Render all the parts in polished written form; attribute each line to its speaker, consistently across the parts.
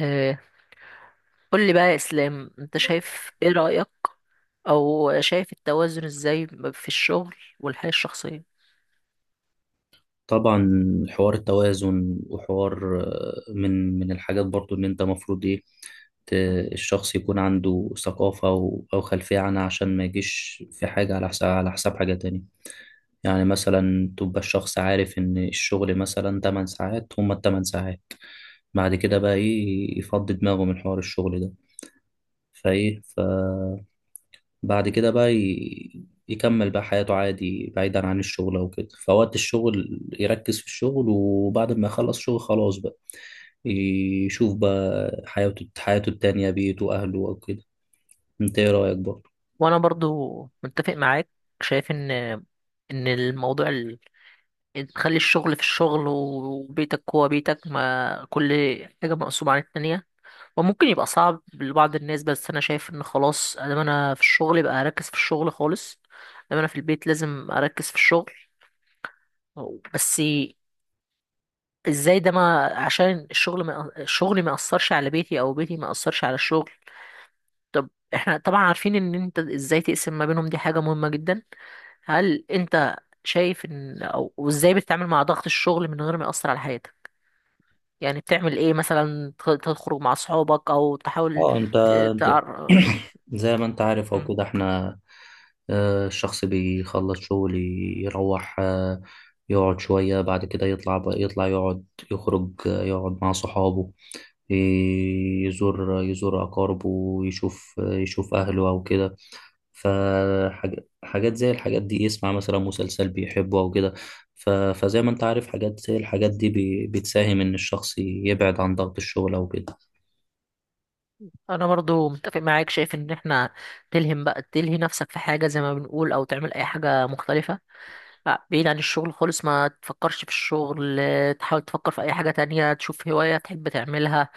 Speaker 1: آه، قول لي بقى يا اسلام، انت شايف ايه رأيك او شايف التوازن ازاي في الشغل والحياة الشخصية.
Speaker 2: طبعا، حوار التوازن وحوار من الحاجات برضو ان انت مفروض ايه ت- الشخص يكون عنده ثقافة او خلفية عنها عشان ما يجيش في حاجة على حساب حاجة تانية. يعني مثلا تبقى الشخص عارف ان الشغل مثلا 8 ساعات، هما التمن ساعات. بعد كده بقى ايه، يفضي دماغه من حوار الشغل ده، فايه بعد كده بقى يكمل بقى حياته عادي بعيدا عن الشغل او كده. فوقت الشغل يركز في الشغل، وبعد ما يخلص شغل خلاص بقى يشوف بقى حياته التانية، بيته، أهله أو كده. أنت إيه رأيك برضه؟
Speaker 1: وانا برضو متفق معاك، شايف ان إن تخلي الشغل في الشغل وبيتك هو بيتك، ما كل حاجة مقسومة عن التانية. وممكن يبقى صعب لبعض الناس، بس انا شايف ان خلاص، ادام انا في الشغل يبقى اركز في الشغل خالص، ادام انا في البيت لازم اركز في الشغل. بس ازاي ده؟ ما عشان الشغل ما اثرش على بيتي او بيتي ما اثرش على الشغل. طب احنا طبعا عارفين ان انت ازاي تقسم ما بينهم، دي حاجة مهمة جدا. هل انت شايف ان وازاي بتتعامل مع ضغط الشغل من غير ما يأثر على حياتك؟ يعني بتعمل ايه مثلا؟ تخرج مع اصحابك او تحاول
Speaker 2: أه أنت،
Speaker 1: ت...
Speaker 2: د-
Speaker 1: تعر...
Speaker 2: زي ما أنت عارف أو
Speaker 1: مم.
Speaker 2: كده، إحنا الشخص بيخلص شغل، يروح يقعد شوية، بعد كده يطلع بقى، يطلع يقعد، يخرج، يقعد مع صحابه، يزور أقاربه، يشوف أهله أو كده. فحاجات زي الحاجات دي، يسمع مثلا مسلسل بيحبه أو كده. فزي ما أنت عارف، حاجات زي الحاجات دي بتساهم إن الشخص يبعد عن ضغط الشغل أو كده.
Speaker 1: انا برضو متفق معاك، شايف ان احنا تلهم بقى تلهي نفسك في حاجة، زي ما بنقول، او تعمل اي حاجة مختلفة. لا، بعيد عن الشغل خالص، ما تفكرش في الشغل، تحاول تفكر في اي حاجة تانية، تشوف هواية تحب تعملها.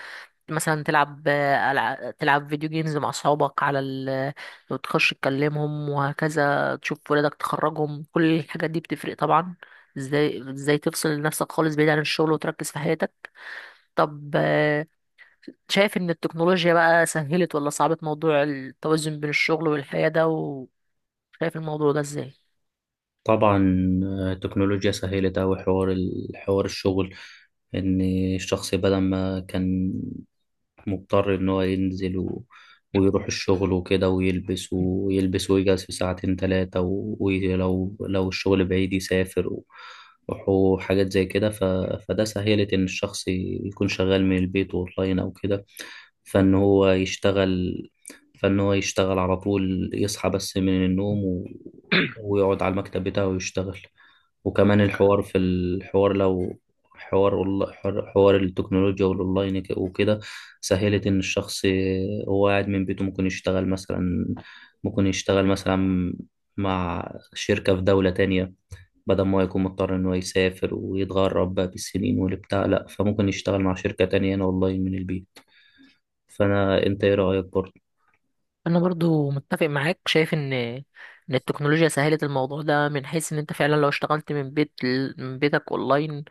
Speaker 1: مثلا تلعب، تلعب فيديو جيمز مع اصحابك على ال، وتخش تكلمهم، وهكذا، تشوف ولادك، تخرجهم. كل الحاجات دي بتفرق طبعا. ازاي تفصل نفسك خالص بعيد عن الشغل وتركز في حياتك؟ طب شايف ان التكنولوجيا بقى سهلت ولا صعبت موضوع التوازن بين الشغل والحياة ده؟ وشايف الموضوع ده ازاي؟
Speaker 2: طبعا التكنولوجيا سهلت أوي حوار حوار الشغل، إن الشخص بدل ما كان مضطر إن هو ينزل ويروح الشغل وكده، ويلبس ويلبس ويجهز في ساعتين تلاتة ولو لو الشغل بعيد يسافر و... وحاجات زي كده. فده سهلت إن الشخص يكون شغال من البيت أونلاين أو كده، فإن هو يشتغل فإن هو يشتغل على طول، يصحى بس من النوم و... ويقعد على المكتب بتاعه ويشتغل. وكمان الحوار في الحوار، لو حوار حوار التكنولوجيا والأونلاين وكده، سهلت إن الشخص هو قاعد من بيته ممكن يشتغل مثلا، ممكن يشتغل مثلا مع شركة في دولة تانية، بدل ما يكون مضطر إنه يسافر ويتغرب بقى بالسنين والبتاع. لأ، فممكن يشتغل مع شركة تانية هنا أونلاين من البيت. فأنا، أنت إيه رأيك برضه؟
Speaker 1: انا برضو متفق معاك، شايف ان التكنولوجيا سهلت الموضوع ده، من حيث ان انت فعلا لو اشتغلت من من بيتك اونلاين.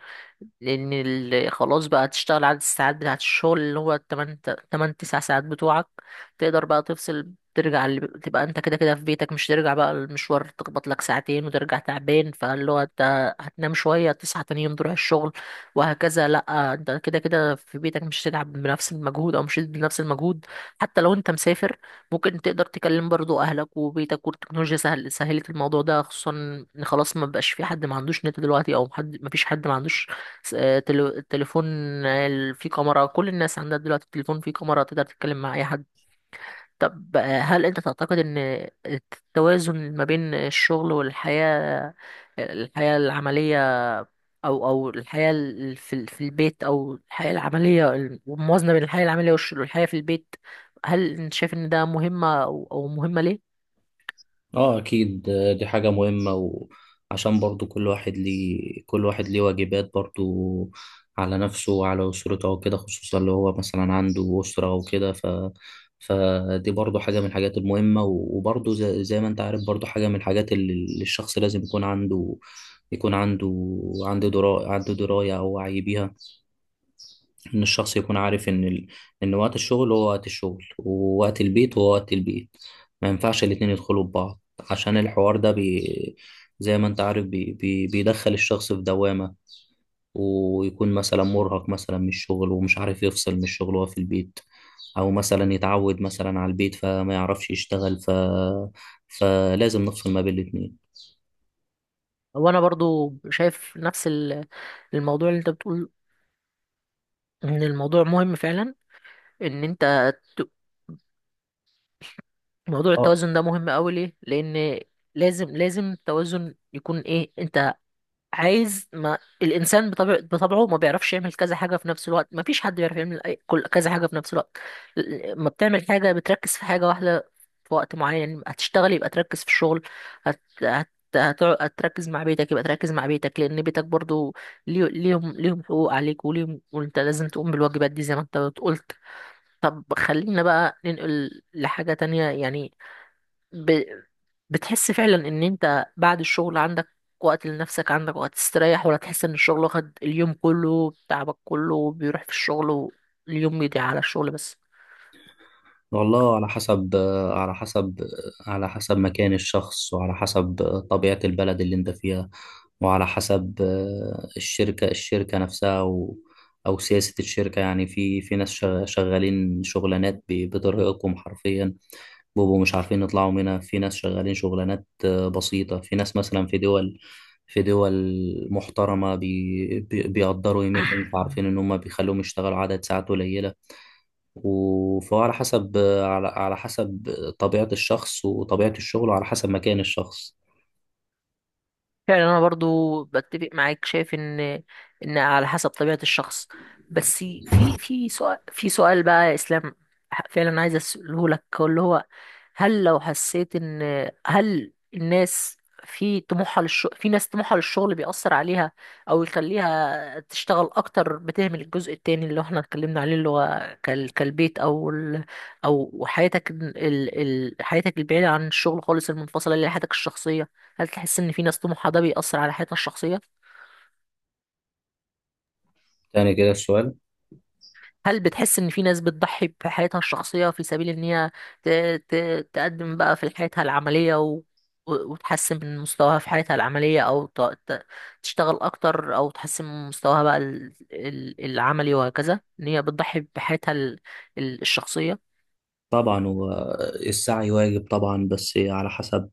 Speaker 1: خلاص بقى تشتغل عدد الساعات بتاعت الشغل، اللي هو 8 8 9 ساعات بتوعك. تقدر بقى تفصل، تبقى انت كده كده في بيتك، مش ترجع بقى المشوار تخبط لك ساعتين وترجع تعبان، فاللي هو انت هتنام شوية، تصحى تاني يوم تروح الشغل وهكذا. لا، انت كده كده في بيتك، مش هتتعب بنفس المجهود، او مش بنفس المجهود. حتى لو انت مسافر، ممكن تقدر تكلم برضو اهلك وبيتك. والتكنولوجيا سهلت الموضوع ده، خصوصا ان خلاص ما بقاش في حد ما عندوش نت دلوقتي، او حد ما عندوش تليفون، فيه كاميرا. كل الناس عندها دلوقتي تليفون فيه كاميرا، تقدر تتكلم مع اي حد. طب هل انت تعتقد ان التوازن ما بين الشغل والحياة، الحياة العملية، او في البيت، او الحياة العملية، الموازنة بين الحياة العملية والحياة في البيت، هل انت شايف ان ده مهمة؟ او مهمة ليه؟
Speaker 2: اه اكيد، دي حاجة مهمة. وعشان برضو كل واحد ليه واجبات برضو على نفسه وعلى أسرته وكده، خصوصا اللي هو مثلا عنده أسرة وكده. ف فدي برضو حاجة من الحاجات المهمة. وبرضو زي ما انت عارف، برضو حاجة من الحاجات اللي الشخص لازم يكون عنده، يكون عنده دراية، أو وعي بيها. ان الشخص يكون عارف ان ان وقت الشغل هو وقت الشغل، ووقت البيت هو وقت البيت. ما ينفعش الاتنين يدخلوا ببعض، عشان الحوار ده زي ما انت عارف بيدخل الشخص في دوامة. ويكون مثلا مرهق مثلا من الشغل، ومش عارف يفصل من الشغل وهو في البيت، او مثلا يتعود مثلا على البيت فما يعرفش يشتغل. فلازم نفصل ما بين الاتنين.
Speaker 1: وانا برضو شايف نفس الموضوع اللي انت بتقول، ان الموضوع مهم فعلا، ان انت ت- موضوع التوازن ده مهم قوي. ليه؟ لان لازم التوازن يكون ايه. انت عايز، ما الانسان بطبعه ما بيعرفش يعمل كذا حاجه في نفس الوقت، ما فيش حد بيعرف يعمل كل كذا حاجه في نفس الوقت. ما بتعمل حاجه، بتركز في حاجه واحده في وقت معين. يعني هتشتغل يبقى تركز في الشغل، هت... هت... هتركز مع بيتك يبقى تركز مع بيتك، لان بيتك برضو ليهم حقوق عليك، وليهم، وانت لازم تقوم بالواجبات دي زي ما انت قلت. طب خلينا بقى ننقل لحاجه تانية يعني. ب... بتحس فعلا ان انت بعد الشغل عندك وقت لنفسك، عندك وقت تستريح، ولا تحس ان الشغل واخد اليوم كله، تعبك كله بيروح في الشغل، واليوم بيضيع على الشغل بس؟
Speaker 2: والله على حسب، على حسب على حسب مكان الشخص، وعلى حسب طبيعة البلد اللي انت فيها، وعلى حسب الشركة نفسها، و أو سياسة الشركة. يعني في في ناس شغالين شغلانات بترهقهم حرفيا، بيبقوا مش عارفين يطلعوا منها. في ناس شغالين شغلانات بسيطة. في ناس مثلا في دول، في دول محترمة بيقدروا قيمتهم، فعارفين إن هم بيخلوهم يشتغلوا عدد ساعات قليلة. وفهو على حسب، على حسب طبيعة الشخص وطبيعة الشغل وعلى حسب مكان الشخص.
Speaker 1: فعلا انا برضو بتفق معاك، شايف ان على حسب طبيعة الشخص. بس في سؤال بقى يا اسلام فعلا عايز اساله لك، اللي هو هل لو حسيت ان، هل الناس في طموحها للشغل، في ناس طموحها للشغل بيأثر عليها، او يخليها تشتغل اكتر، بتهمل الجزء التاني اللي احنا اتكلمنا عليه، اللي هو كالبيت، او حياتك ال ال حياتك البعيدة عن الشغل خالص، المنفصلة، اللي هي حياتك الشخصية. هل تحس ان في ناس طموحها ده بيأثر على حياتها الشخصية؟
Speaker 2: تاني كده السؤال؟
Speaker 1: هل بتحس ان في ناس بتضحي بحياتها الشخصية في سبيل ان هي ت... ت... تقدم بقى في حياتها العملية وتحسن من مستواها في حياتها العملية، او ت... تشتغل اكتر، او تحسن من مستواها بقى العملي وهكذا، ان هي بتضحي بحياتها الشخصية؟
Speaker 2: طبعا هو السعي واجب طبعا، بس على حسب،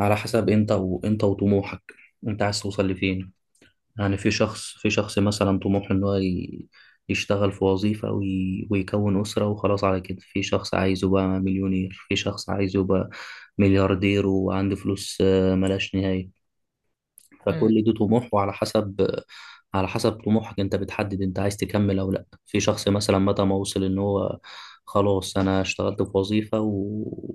Speaker 2: انت، وطموحك، انت عايز توصل لفين. يعني في شخص مثلا طموحه ان هو يشتغل في وظيفة ويكون أسرة وخلاص على كده. في شخص عايزه بقى مليونير، في شخص عايزه بقى ملياردير وعنده فلوس ملهاش نهاية.
Speaker 1: مم.
Speaker 2: فكل ده طموح، وعلى حسب، على حسب طموحك انت بتحدد انت عايز تكمل او لا. في شخص مثلا متى ما وصل ان هو خلاص انا اشتغلت في وظيفة و...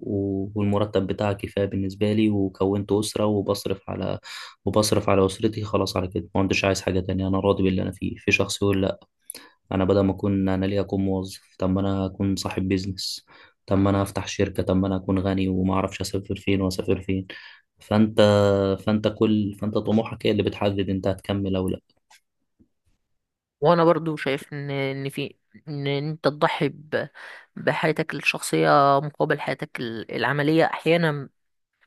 Speaker 2: والمرتب بتاعي كفاية بالنسبة لي، وكونت أسرة، وبصرف على أسرتي، خلاص على كده، ما عنديش عايز حاجة تانية، انا راضي باللي انا فيه. في شخص يقول لا، انا بدل ما اكون، انا ليه اكون موظف، طب ما انا اكون صاحب بيزنس، طب ما انا افتح شركة، طب ما انا اكون غني وما اعرفش اسافر فين واسافر فين. فانت فانت طموحك هي اللي بتحدد انت هتكمل او لا.
Speaker 1: وانا برضو شايف ان، ان في ان انت تضحي بحياتك الشخصية مقابل حياتك العملية، أحيانا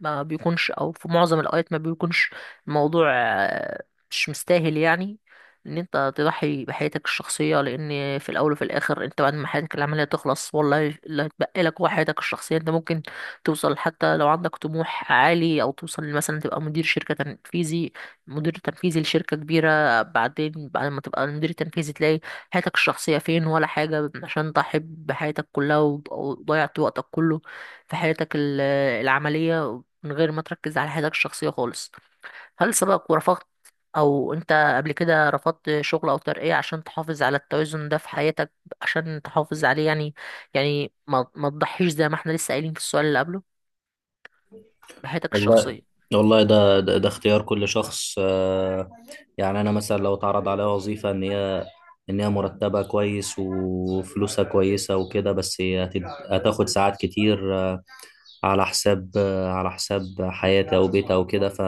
Speaker 1: ما بيكونش، او في معظم الاوقات ما بيكونش الموضوع، مش مستاهل يعني ان انت تضحي بحياتك الشخصيه. لان في الاول وفي الاخر، انت بعد ما حياتك العمليه تخلص، والله اللي هتبقى لك هو حياتك الشخصيه. انت ممكن توصل، حتى لو عندك طموح عالي، او توصل مثلا تبقى مدير شركه تنفيذي، مدير تنفيذي لشركه كبيره، بعدين بعد ما تبقى مدير تنفيذي تلاقي حياتك الشخصيه فين ولا حاجه، عشان تضحي بحياتك كلها، وضيعت وقتك كله في حياتك العملية، من غير ما تركز على حياتك الشخصية خالص. هل سبق ورفضت، أو أنت قبل كده رفضت شغل أو ترقية عشان تحافظ على التوازن ده في حياتك، عشان تحافظ عليه يعني؟ يعني ما تضحيش، زي ما احنا لسه قايلين في السؤال اللي قبله، بحياتك
Speaker 2: والله،
Speaker 1: الشخصية.
Speaker 2: والله ده اختيار كل شخص. يعني انا مثلا لو اتعرض عليا وظيفة ان هي مرتبها كويس وفلوسها كويسة وكده، بس هي هتاخد ساعات كتير على حساب، على حساب حياتي او بيتي او كده. ف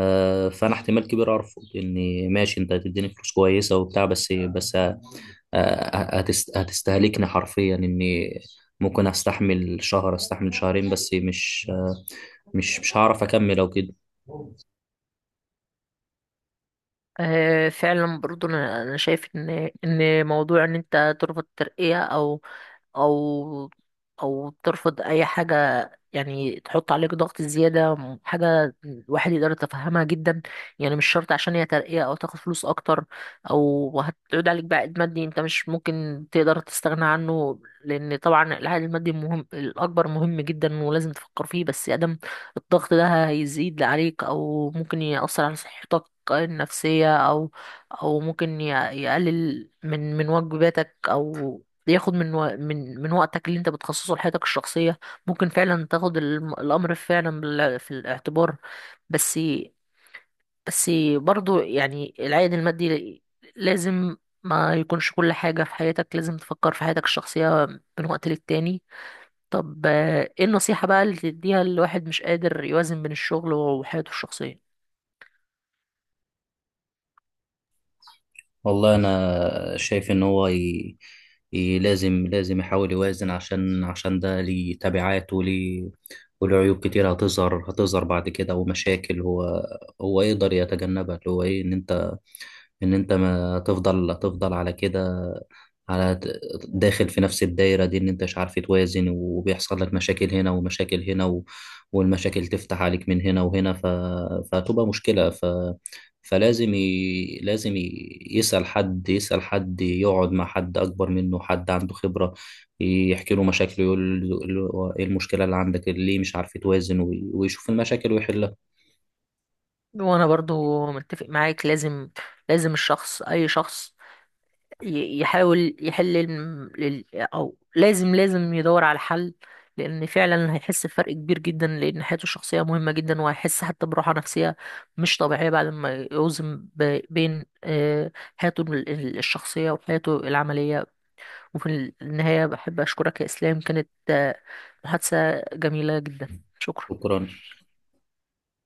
Speaker 2: فانا احتمال كبير ارفض، اني ماشي انت هتديني فلوس كويسه وبتاع، بس هتستهلكني حرفيا، اني ممكن استحمل شهر، استحمل شهرين، بس مش مش هعرف اكمل او كده.
Speaker 1: أه، فعلا برضو أنا شايف إن موضوع إن أنت ترفض ترقية، أو او او ترفض اي حاجه يعني تحط عليك ضغط زياده، حاجه الواحد يقدر يتفهمها جدا. يعني مش شرط عشان هي ترقيه او تاخد فلوس اكتر، او هتعود عليك بعائد مادي انت مش ممكن تقدر تستغنى عنه. لان طبعا العائد المادي الاكبر مهم جدا ولازم تفكر فيه. بس ادم الضغط ده هيزيد عليك، او ممكن يأثر على صحتك النفسية، أو ممكن يقلل من واجباتك، أو ياخد من و... من من وقتك اللي انت بتخصصه لحياتك الشخصية. ممكن فعلا تاخد الأمر فعلا في الاعتبار. بس بس برضو يعني العائد المادي لازم ما يكونش كل حاجة في حياتك. لازم تفكر في حياتك الشخصية من وقت للتاني. طب ايه النصيحة بقى اللي تديها لواحد مش قادر يوازن بين الشغل وحياته الشخصية؟
Speaker 2: والله انا شايف ان هو لازم يحاول يوازن، عشان ده ليه تبعات وليه وله عيوب كتير، هتظهر بعد كده، ومشاكل هو يقدر يتجنبها. اللي هو ايه، ان انت، ما تفضل على كده، على ت- داخل في نفس الدايرة دي، ان انت مش عارف توازن، وبيحصل لك مشاكل هنا ومشاكل هنا و... والمشاكل تفتح عليك من هنا وهنا. فتبقى مشكلة. فلازم يسأل حد، يقعد مع حد أكبر منه، حد عنده خبرة، يحكي له مشاكله، يقول له ايه المشكلة اللي عندك اللي ليه مش عارف توازن، ويشوف المشاكل ويحلها.
Speaker 1: وانا برضو متفق معاك، لازم الشخص، اي شخص، يحاول يحل او لازم يدور على حل. لان فعلا هيحس بفرق كبير جدا، لان حياته الشخصيه مهمه جدا. وهيحس حتى براحه نفسيه مش طبيعيه بعد ما يوزن بين حياته الشخصيه وحياته العمليه. وفي النهايه بحب اشكرك يا اسلام، كانت محادثه جميله جدا. شكرا.
Speaker 2: شكرا.